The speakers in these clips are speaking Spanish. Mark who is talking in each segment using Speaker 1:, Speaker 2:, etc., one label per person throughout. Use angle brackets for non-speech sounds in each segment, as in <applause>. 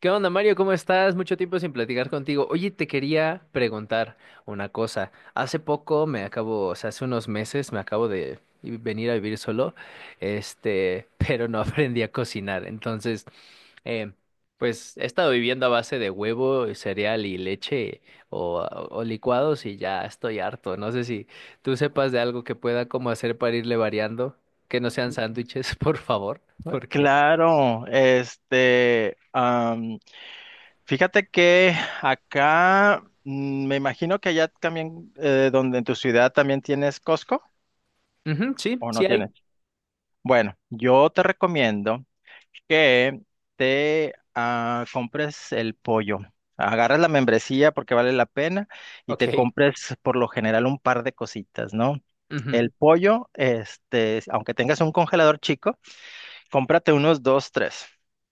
Speaker 1: ¿Qué onda, Mario? ¿Cómo estás? Mucho tiempo sin platicar contigo. Oye, te quería preguntar una cosa. Hace poco me acabo, o sea, hace unos meses me acabo de venir a vivir solo, este, <laughs> pero no aprendí a cocinar. Entonces, eh, pues he estado viviendo a base de huevo, cereal y leche o, o licuados y ya estoy harto. No sé si tú sepas de algo que pueda como hacer para irle variando, que no sean sándwiches, <laughs> por favor, porque...
Speaker 2: Claro, fíjate que acá, me imagino que allá también, donde en tu ciudad también tienes Costco
Speaker 1: Ujú, sí,
Speaker 2: o
Speaker 1: sí
Speaker 2: no
Speaker 1: hay.
Speaker 2: tienes. Bueno, yo te recomiendo que te compres el pollo. Agarras la membresía porque vale la pena y te
Speaker 1: Ok.
Speaker 2: compres por lo general un par de cositas, ¿no?
Speaker 1: Ujú.
Speaker 2: El pollo, aunque tengas un congelador chico, cómprate unos dos, tres.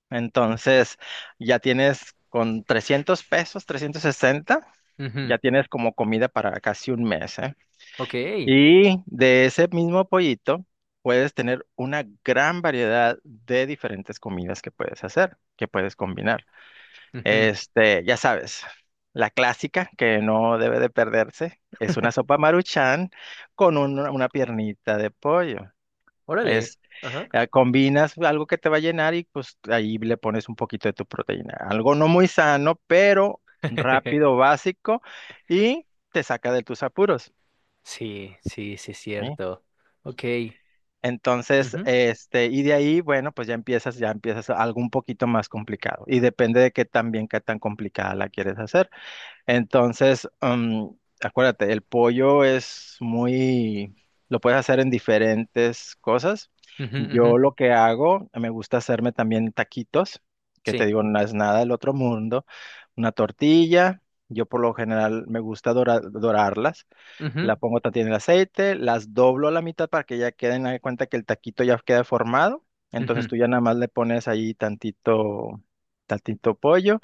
Speaker 2: Entonces, ya tienes con 300 pesos, 360,
Speaker 1: Ujú.
Speaker 2: ya tienes como comida para casi un mes, ¿eh?
Speaker 1: Ok.
Speaker 2: Y de ese mismo pollito puedes tener una gran variedad de diferentes comidas que puedes hacer, que puedes combinar.
Speaker 1: Ujú.
Speaker 2: Ya sabes, la clásica que no debe de perderse es una sopa Maruchan con una piernita de pollo,
Speaker 1: Órale. Ajá.
Speaker 2: combinas algo que te va a llenar y pues ahí le pones un poquito de tu proteína. Algo no muy sano, pero rápido,
Speaker 1: <laughs>
Speaker 2: básico y te saca de tus apuros.
Speaker 1: Sí, sí, sí, es
Speaker 2: ¿Sí?
Speaker 1: cierto. Ok.
Speaker 2: Entonces,
Speaker 1: Ujú,
Speaker 2: y de ahí, bueno, pues ya empiezas algo un poquito más complicado y depende de qué tan bien, qué tan complicada la quieres hacer. Entonces, acuérdate, el pollo es muy, lo puedes hacer en diferentes cosas.
Speaker 1: ujú, ujú.
Speaker 2: Yo lo que hago, me gusta hacerme también taquitos, que te
Speaker 1: Sí.
Speaker 2: digo, no es nada del otro mundo. Una tortilla, yo por lo general me gusta dorarlas.
Speaker 1: Ujú,
Speaker 2: La pongo también en el aceite, las doblo a la mitad para que ya queden, haz de cuenta que el taquito ya queda formado. Entonces
Speaker 1: ujú.
Speaker 2: tú ya nada más le pones ahí tantito, tantito pollo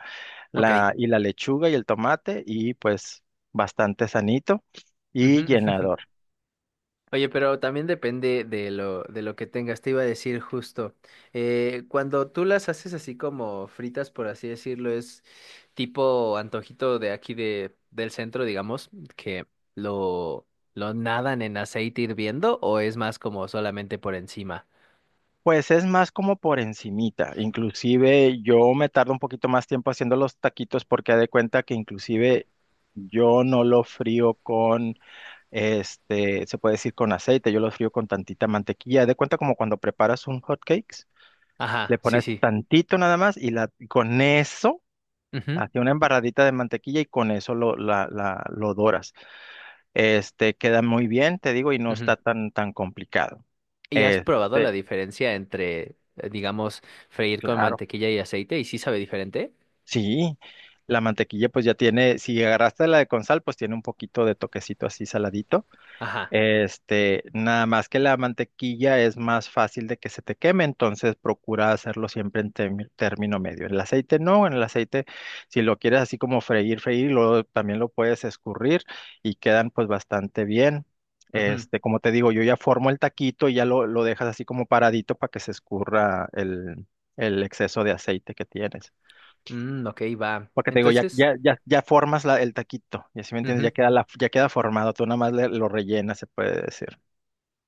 Speaker 1: Ok. Ujú.
Speaker 2: y la lechuga y el tomate y pues bastante sanito
Speaker 1: <laughs>
Speaker 2: y
Speaker 1: Ujú.
Speaker 2: llenador.
Speaker 1: Oye, pero también depende de lo que tengas. Te iba a decir justo. Cuando tú las haces así como fritas, por así decirlo, es tipo antojito de aquí del centro, digamos, que lo, lo nadan en aceite hirviendo, o es más como solamente por encima.
Speaker 2: Pues es más como por encimita. Inclusive yo me tardo un poquito más tiempo haciendo los taquitos porque haz de cuenta que inclusive yo no lo frío con, se puede decir con aceite, yo lo frío con tantita mantequilla. Haz de cuenta como cuando preparas un hot cakes, le
Speaker 1: Ajá, sí,
Speaker 2: pones
Speaker 1: sí.
Speaker 2: tantito nada más y y con eso,
Speaker 1: Ujú,
Speaker 2: hace una embarradita de mantequilla y con eso lo doras. Este queda muy bien, te digo, y no está
Speaker 1: ujú.
Speaker 2: tan tan complicado.
Speaker 1: ¿Y has probado la
Speaker 2: Este,
Speaker 1: diferencia entre, digamos, freír con
Speaker 2: claro,
Speaker 1: mantequilla y aceite? ¿Y sí sabe diferente?
Speaker 2: sí. La mantequilla pues ya tiene, si agarraste la de con sal, pues tiene un poquito de toquecito así saladito.
Speaker 1: Ajá.
Speaker 2: Nada más que la mantequilla es más fácil de que se te queme, entonces procura hacerlo siempre en término medio. En el aceite no, en el aceite, si lo quieres así como freír, freír, luego también lo puedes escurrir y quedan pues bastante bien.
Speaker 1: Ujú.
Speaker 2: Como te digo, yo ya formo el taquito y ya lo dejas así como paradito para que se escurra el exceso de aceite que tienes.
Speaker 1: Mm, ok, va.
Speaker 2: Porque te digo, ya,
Speaker 1: Entonces...
Speaker 2: ya, ya, ya formas el taquito, y así me entiendes,
Speaker 1: Ujú.
Speaker 2: ya ya queda formado, tú nada más lo rellenas, se puede decir.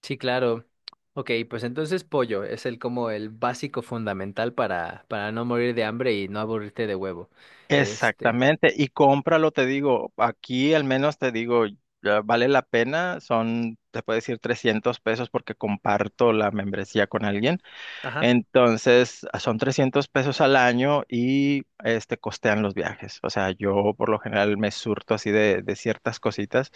Speaker 1: Sí, claro. Ok, pues entonces pollo es el como el básico fundamental para no morir de hambre y no aburrirte de huevo. Este.
Speaker 2: Exactamente, y cómpralo, te digo, aquí al menos te digo, ya vale la pena, son, te puedo decir 300 pesos porque comparto la membresía con alguien,
Speaker 1: Ajá.
Speaker 2: entonces son 300 pesos al año y costean los viajes, o sea, yo por lo general me surto así de ciertas cositas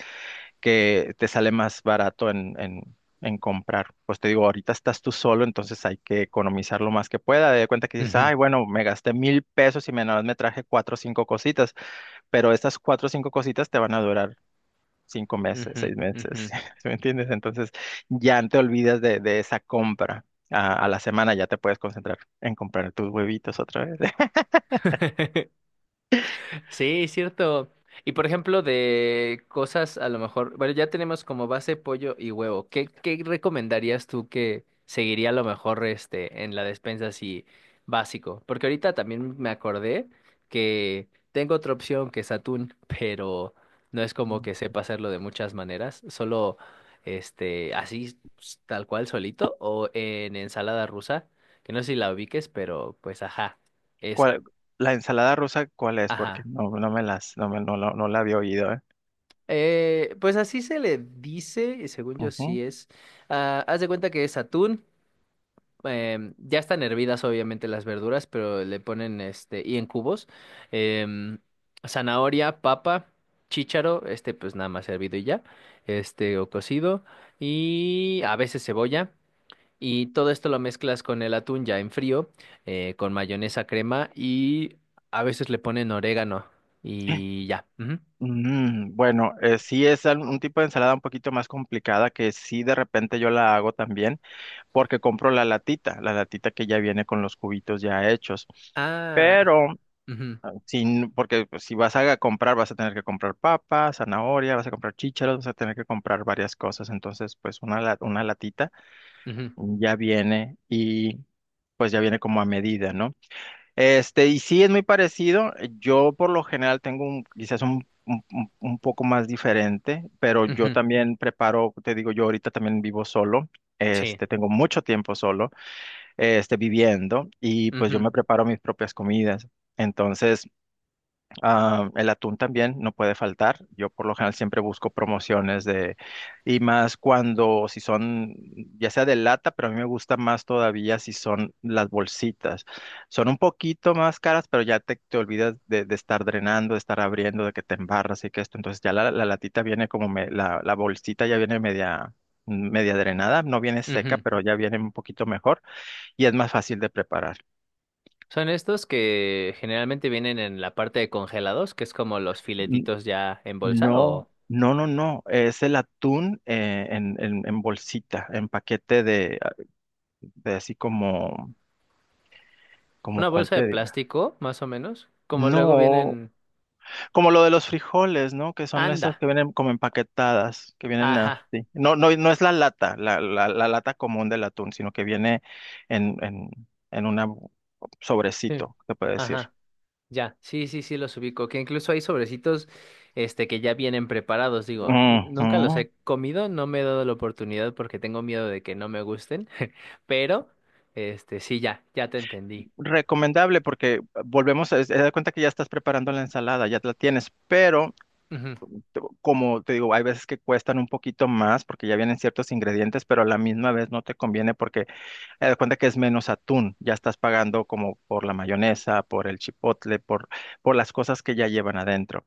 Speaker 2: que te sale más barato en, en comprar. Pues te digo, ahorita estás tú solo, entonces hay que economizar lo más que pueda. De cuenta que dices,
Speaker 1: Ujú,
Speaker 2: ay, bueno, me gasté 1000 pesos y nada más me traje cuatro o cinco cositas, pero estas cuatro o cinco cositas te van a durar 5 meses,
Speaker 1: ujú,
Speaker 2: seis
Speaker 1: ujú.
Speaker 2: meses, <laughs> ¿sí me entiendes? Entonces ya te olvidas de esa compra. A la semana ya te puedes concentrar en comprar tus huevitos otra vez.
Speaker 1: <laughs> Sí, es cierto. Y por ejemplo, de cosas a lo mejor, bueno, ya tenemos como base pollo y huevo. ¿Qué recomendarías tú que seguiría a lo mejor en la despensa así básico? Porque ahorita también me acordé que tengo otra opción que es atún, <laughs> pero no es como que
Speaker 2: <laughs>
Speaker 1: sepa hacerlo de muchas maneras, solo así tal cual solito o en ensalada rusa, que no sé si la ubiques, pero pues ajá, esa.
Speaker 2: ¿Cuál- la ensalada rusa, ¿cuál es? Porque
Speaker 1: Ajá.
Speaker 2: no me las, no la había oído, ¿eh?
Speaker 1: Pues así se le dice, y según yo
Speaker 2: Ujú.
Speaker 1: sí es. Ah, haz de cuenta que es atún. Ya están hervidas, obviamente, las verduras, pero le ponen y en cubos. em, Zanahoria, papa, chícharo, pues nada más hervido y ya. O cocido. Y a veces cebolla. Y todo esto lo mezclas con el atún ya en frío, con mayonesa, crema y a veces le ponen orégano. Y ya. Ujú.
Speaker 2: Bueno, sí es un tipo de ensalada un poquito más complicada que sí de repente yo la hago también porque compro la latita que ya viene con los cubitos ya hechos.
Speaker 1: Ah.
Speaker 2: Pero,
Speaker 1: Ujú.
Speaker 2: sin, porque pues, si vas a comprar, vas a tener que comprar papas, zanahoria, vas a comprar chícharos, vas a tener que comprar varias cosas. Entonces, pues una latita
Speaker 1: Ujú,
Speaker 2: ya viene y pues ya viene como a medida, ¿no? Y sí es muy parecido. Yo por lo general tengo quizás un poco más diferente, pero yo
Speaker 1: ujú.
Speaker 2: también preparo, te digo, yo ahorita también vivo solo.
Speaker 1: Sí.
Speaker 2: Tengo mucho tiempo solo, viviendo y pues yo
Speaker 1: Ujú,
Speaker 2: me preparo mis propias comidas. Entonces, el atún también no puede faltar. Yo por lo general siempre busco promociones y más cuando si son, ya sea de lata, pero a mí me gusta más todavía si son las bolsitas. Son un poquito más caras, pero ya te olvidas de estar drenando, de estar abriendo, de que te embarras y que esto. Entonces ya la latita viene como la bolsita ya viene media drenada, no viene seca,
Speaker 1: ujú.
Speaker 2: pero ya viene un poquito mejor y es más fácil de preparar.
Speaker 1: Son estos que generalmente vienen en la parte de congelados, que es como los filetitos ya en bolsa
Speaker 2: No,
Speaker 1: o
Speaker 2: no, no, no. Es el atún en, en bolsita, en paquete de, de así como
Speaker 1: una
Speaker 2: cuál
Speaker 1: bolsa de
Speaker 2: te digo.
Speaker 1: plástico, más o menos. Como luego
Speaker 2: No,
Speaker 1: vienen.
Speaker 2: como lo de los frijoles, ¿no? Que son esas
Speaker 1: Anda.
Speaker 2: que vienen como empaquetadas, que vienen
Speaker 1: Ajá.
Speaker 2: así. No, no, no es la lata, la lata común del atún, sino que viene en, en una bu-
Speaker 1: Sí.
Speaker 2: sobrecito, se puede decir.
Speaker 1: Ajá. Ya. Sí, sí, sí, los ubico. Que incluso hay sobrecitos, que ya vienen preparados. Digo, nunca los
Speaker 2: Ujú.
Speaker 1: he comido, no me he dado la oportunidad porque tengo miedo de que no me gusten. <laughs> Pero, sí, ya te entendí.
Speaker 2: Recomendable porque volvemos a haz de cuenta que ya estás preparando la ensalada, ya la tienes, pero
Speaker 1: Ujú,
Speaker 2: como te digo, hay veces que cuestan un poquito más porque ya vienen ciertos ingredientes, pero a la misma vez no te conviene porque te das cuenta que es menos atún, ya estás pagando como por la mayonesa, por el chipotle, por las cosas que ya llevan adentro.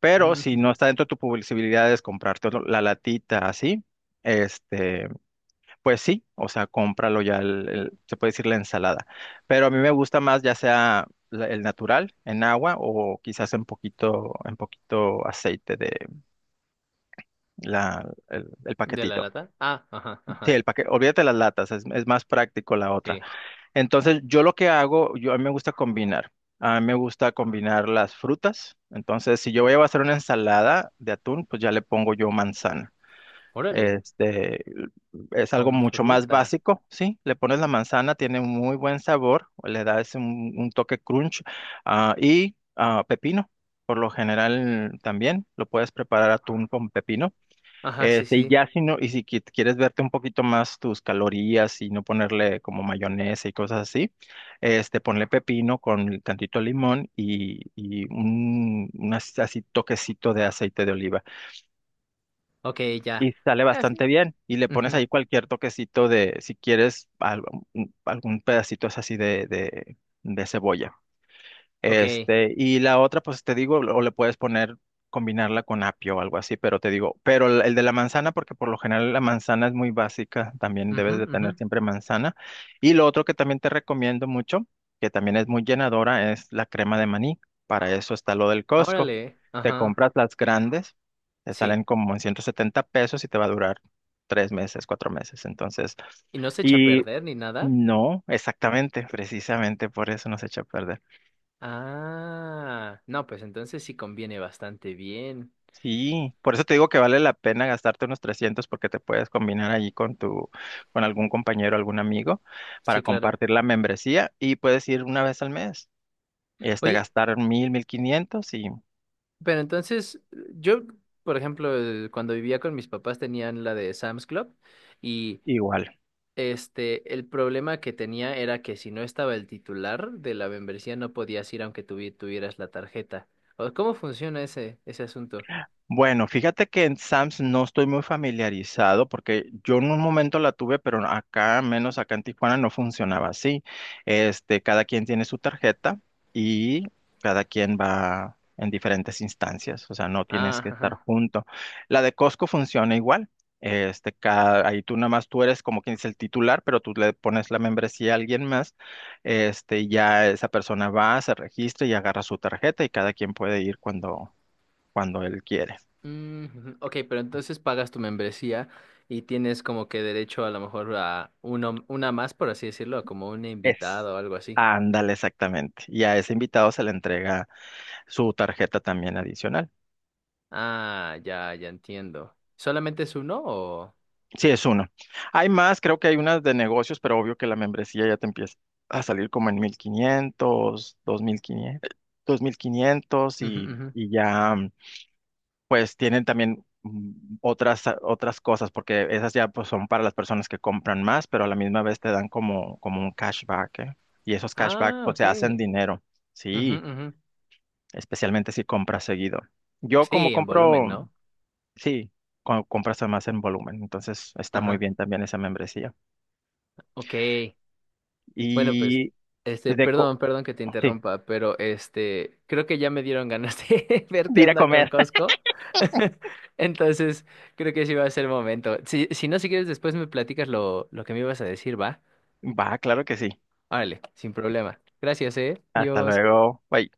Speaker 2: Pero si no
Speaker 1: ujú.
Speaker 2: está dentro de tu posibilidad es comprarte la latita así, este, pues sí, o sea, cómpralo ya, se puede decir la ensalada. Pero a mí me gusta más ya sea el natural en agua o quizás en poquito aceite el
Speaker 1: ¿De la
Speaker 2: paquetito.
Speaker 1: lata? Ah, ajá,
Speaker 2: Sí,
Speaker 1: ajá.
Speaker 2: el paquete, olvídate las latas, es más práctico la otra.
Speaker 1: Sí.
Speaker 2: Entonces, yo lo que hago, yo a mí me gusta combinar. A mí me gusta combinar las frutas. Entonces, si yo voy a hacer una ensalada de atún, pues ya le pongo yo manzana.
Speaker 1: Órale,
Speaker 2: Este, es algo
Speaker 1: con
Speaker 2: mucho más
Speaker 1: fruta.
Speaker 2: básico, ¿sí? Le pones la manzana, tiene un muy buen sabor, le da ese un toque crunch, y pepino. Por lo general también lo puedes preparar atún con pepino.
Speaker 1: Ajá, sí,
Speaker 2: Y
Speaker 1: sí.
Speaker 2: si quieres verte un poquito más tus calorías y no ponerle como mayonesa y cosas así, ponle pepino con tantito limón y un así toquecito de aceite de oliva.
Speaker 1: Ok, ya.
Speaker 2: Y sale
Speaker 1: Eh, fi-
Speaker 2: bastante bien. Y le pones
Speaker 1: Ujú.
Speaker 2: ahí cualquier toquecito de, si quieres, algún pedacito es así de cebolla.
Speaker 1: Ok.
Speaker 2: Y la otra, pues te digo, o le puedes poner, combinarla con apio o algo así, pero te digo, pero el de la manzana, porque por lo general la manzana es muy básica, también
Speaker 1: Ujú,
Speaker 2: debes de
Speaker 1: ujú.
Speaker 2: tener siempre manzana. Y lo otro que también te recomiendo mucho, que también es muy llenadora, es la crema de maní. Para eso está lo del Costco.
Speaker 1: Órale,
Speaker 2: Te
Speaker 1: ajá.
Speaker 2: compras las grandes, te
Speaker 1: Sí.
Speaker 2: salen como en 170 pesos y te va a durar 3 meses, 4 meses. Entonces,
Speaker 1: ¿Y no se echa a
Speaker 2: y
Speaker 1: perder ni nada?
Speaker 2: no, exactamente, precisamente por eso nos echa a perder.
Speaker 1: Ah, no, pues entonces sí conviene bastante bien.
Speaker 2: Sí, por eso te digo que vale la pena gastarte unos 300 porque te puedes combinar allí con con algún compañero, algún amigo
Speaker 1: Sí,
Speaker 2: para
Speaker 1: claro.
Speaker 2: compartir la membresía y puedes ir una vez al mes,
Speaker 1: Oye,
Speaker 2: gastar 1000, 1500 y
Speaker 1: pero entonces yo, por ejemplo, cuando vivía con mis papás tenían la de Sam's Club y
Speaker 2: igual.
Speaker 1: El problema que tenía era que si no estaba el titular de la membresía no podías ir aunque tuvieras la tarjeta. O, ¿cómo funciona ese asunto?
Speaker 2: Bueno, fíjate que en Sams no estoy muy familiarizado porque yo en un momento la tuve, pero acá, menos acá en Tijuana, no funcionaba así. Cada quien tiene su tarjeta y cada quien va en diferentes instancias, o sea, no tienes
Speaker 1: Ah,
Speaker 2: que estar
Speaker 1: ajá.
Speaker 2: junto. La de Costco funciona igual. Ahí tú nada más tú eres como quien es el titular, pero tú le pones la membresía a alguien más. Y ya esa persona va, se registra y agarra su tarjeta y cada quien puede ir cuando él quiere.
Speaker 1: Mm, ujú. Ok, pero entonces pagas tu membresía y tienes como que derecho a lo mejor a una más, por así decirlo, como un
Speaker 2: Es.
Speaker 1: invitado o algo así.
Speaker 2: Ándale, exactamente. Y a ese invitado se le entrega su tarjeta también adicional.
Speaker 1: Ah, ya entiendo. ¿Solamente es uno o...?
Speaker 2: Sí, es uno. Hay más, creo que hay unas de negocios, pero obvio que la membresía ya te empieza a salir como en 1000 mil quinientos quinientos 2500,
Speaker 1: Ujú,
Speaker 2: y,
Speaker 1: ujú.
Speaker 2: ya pues tienen también otras cosas, porque esas ya pues son para las personas que compran más, pero a la misma vez te dan como un cashback, ¿eh? Y esos cashbacks
Speaker 1: Ah,
Speaker 2: pues
Speaker 1: ok.
Speaker 2: se hacen dinero.
Speaker 1: Ujú,
Speaker 2: Sí.
Speaker 1: ujú.
Speaker 2: Especialmente si compras seguido. Yo como
Speaker 1: Sí, en volumen,
Speaker 2: compro,
Speaker 1: ¿no?
Speaker 2: sí, compras además en volumen, entonces está muy
Speaker 1: Ajá.
Speaker 2: bien también esa membresía.
Speaker 1: Ok. Bueno, pues,
Speaker 2: Y de co
Speaker 1: perdón, perdón que te
Speaker 2: sí,
Speaker 1: interrumpa, pero creo que ya me dieron ganas de <laughs> ver
Speaker 2: de
Speaker 1: qué
Speaker 2: ir a
Speaker 1: onda con
Speaker 2: comer.
Speaker 1: Costco. <laughs> Entonces, creo que sí va a ser el momento. Si no, si quieres, después me platicas lo que me ibas a decir, ¿va?
Speaker 2: <laughs> Va, claro que sí.
Speaker 1: Órale, sin problema. Gracias, eh.
Speaker 2: Hasta
Speaker 1: Dios.
Speaker 2: luego. Bye.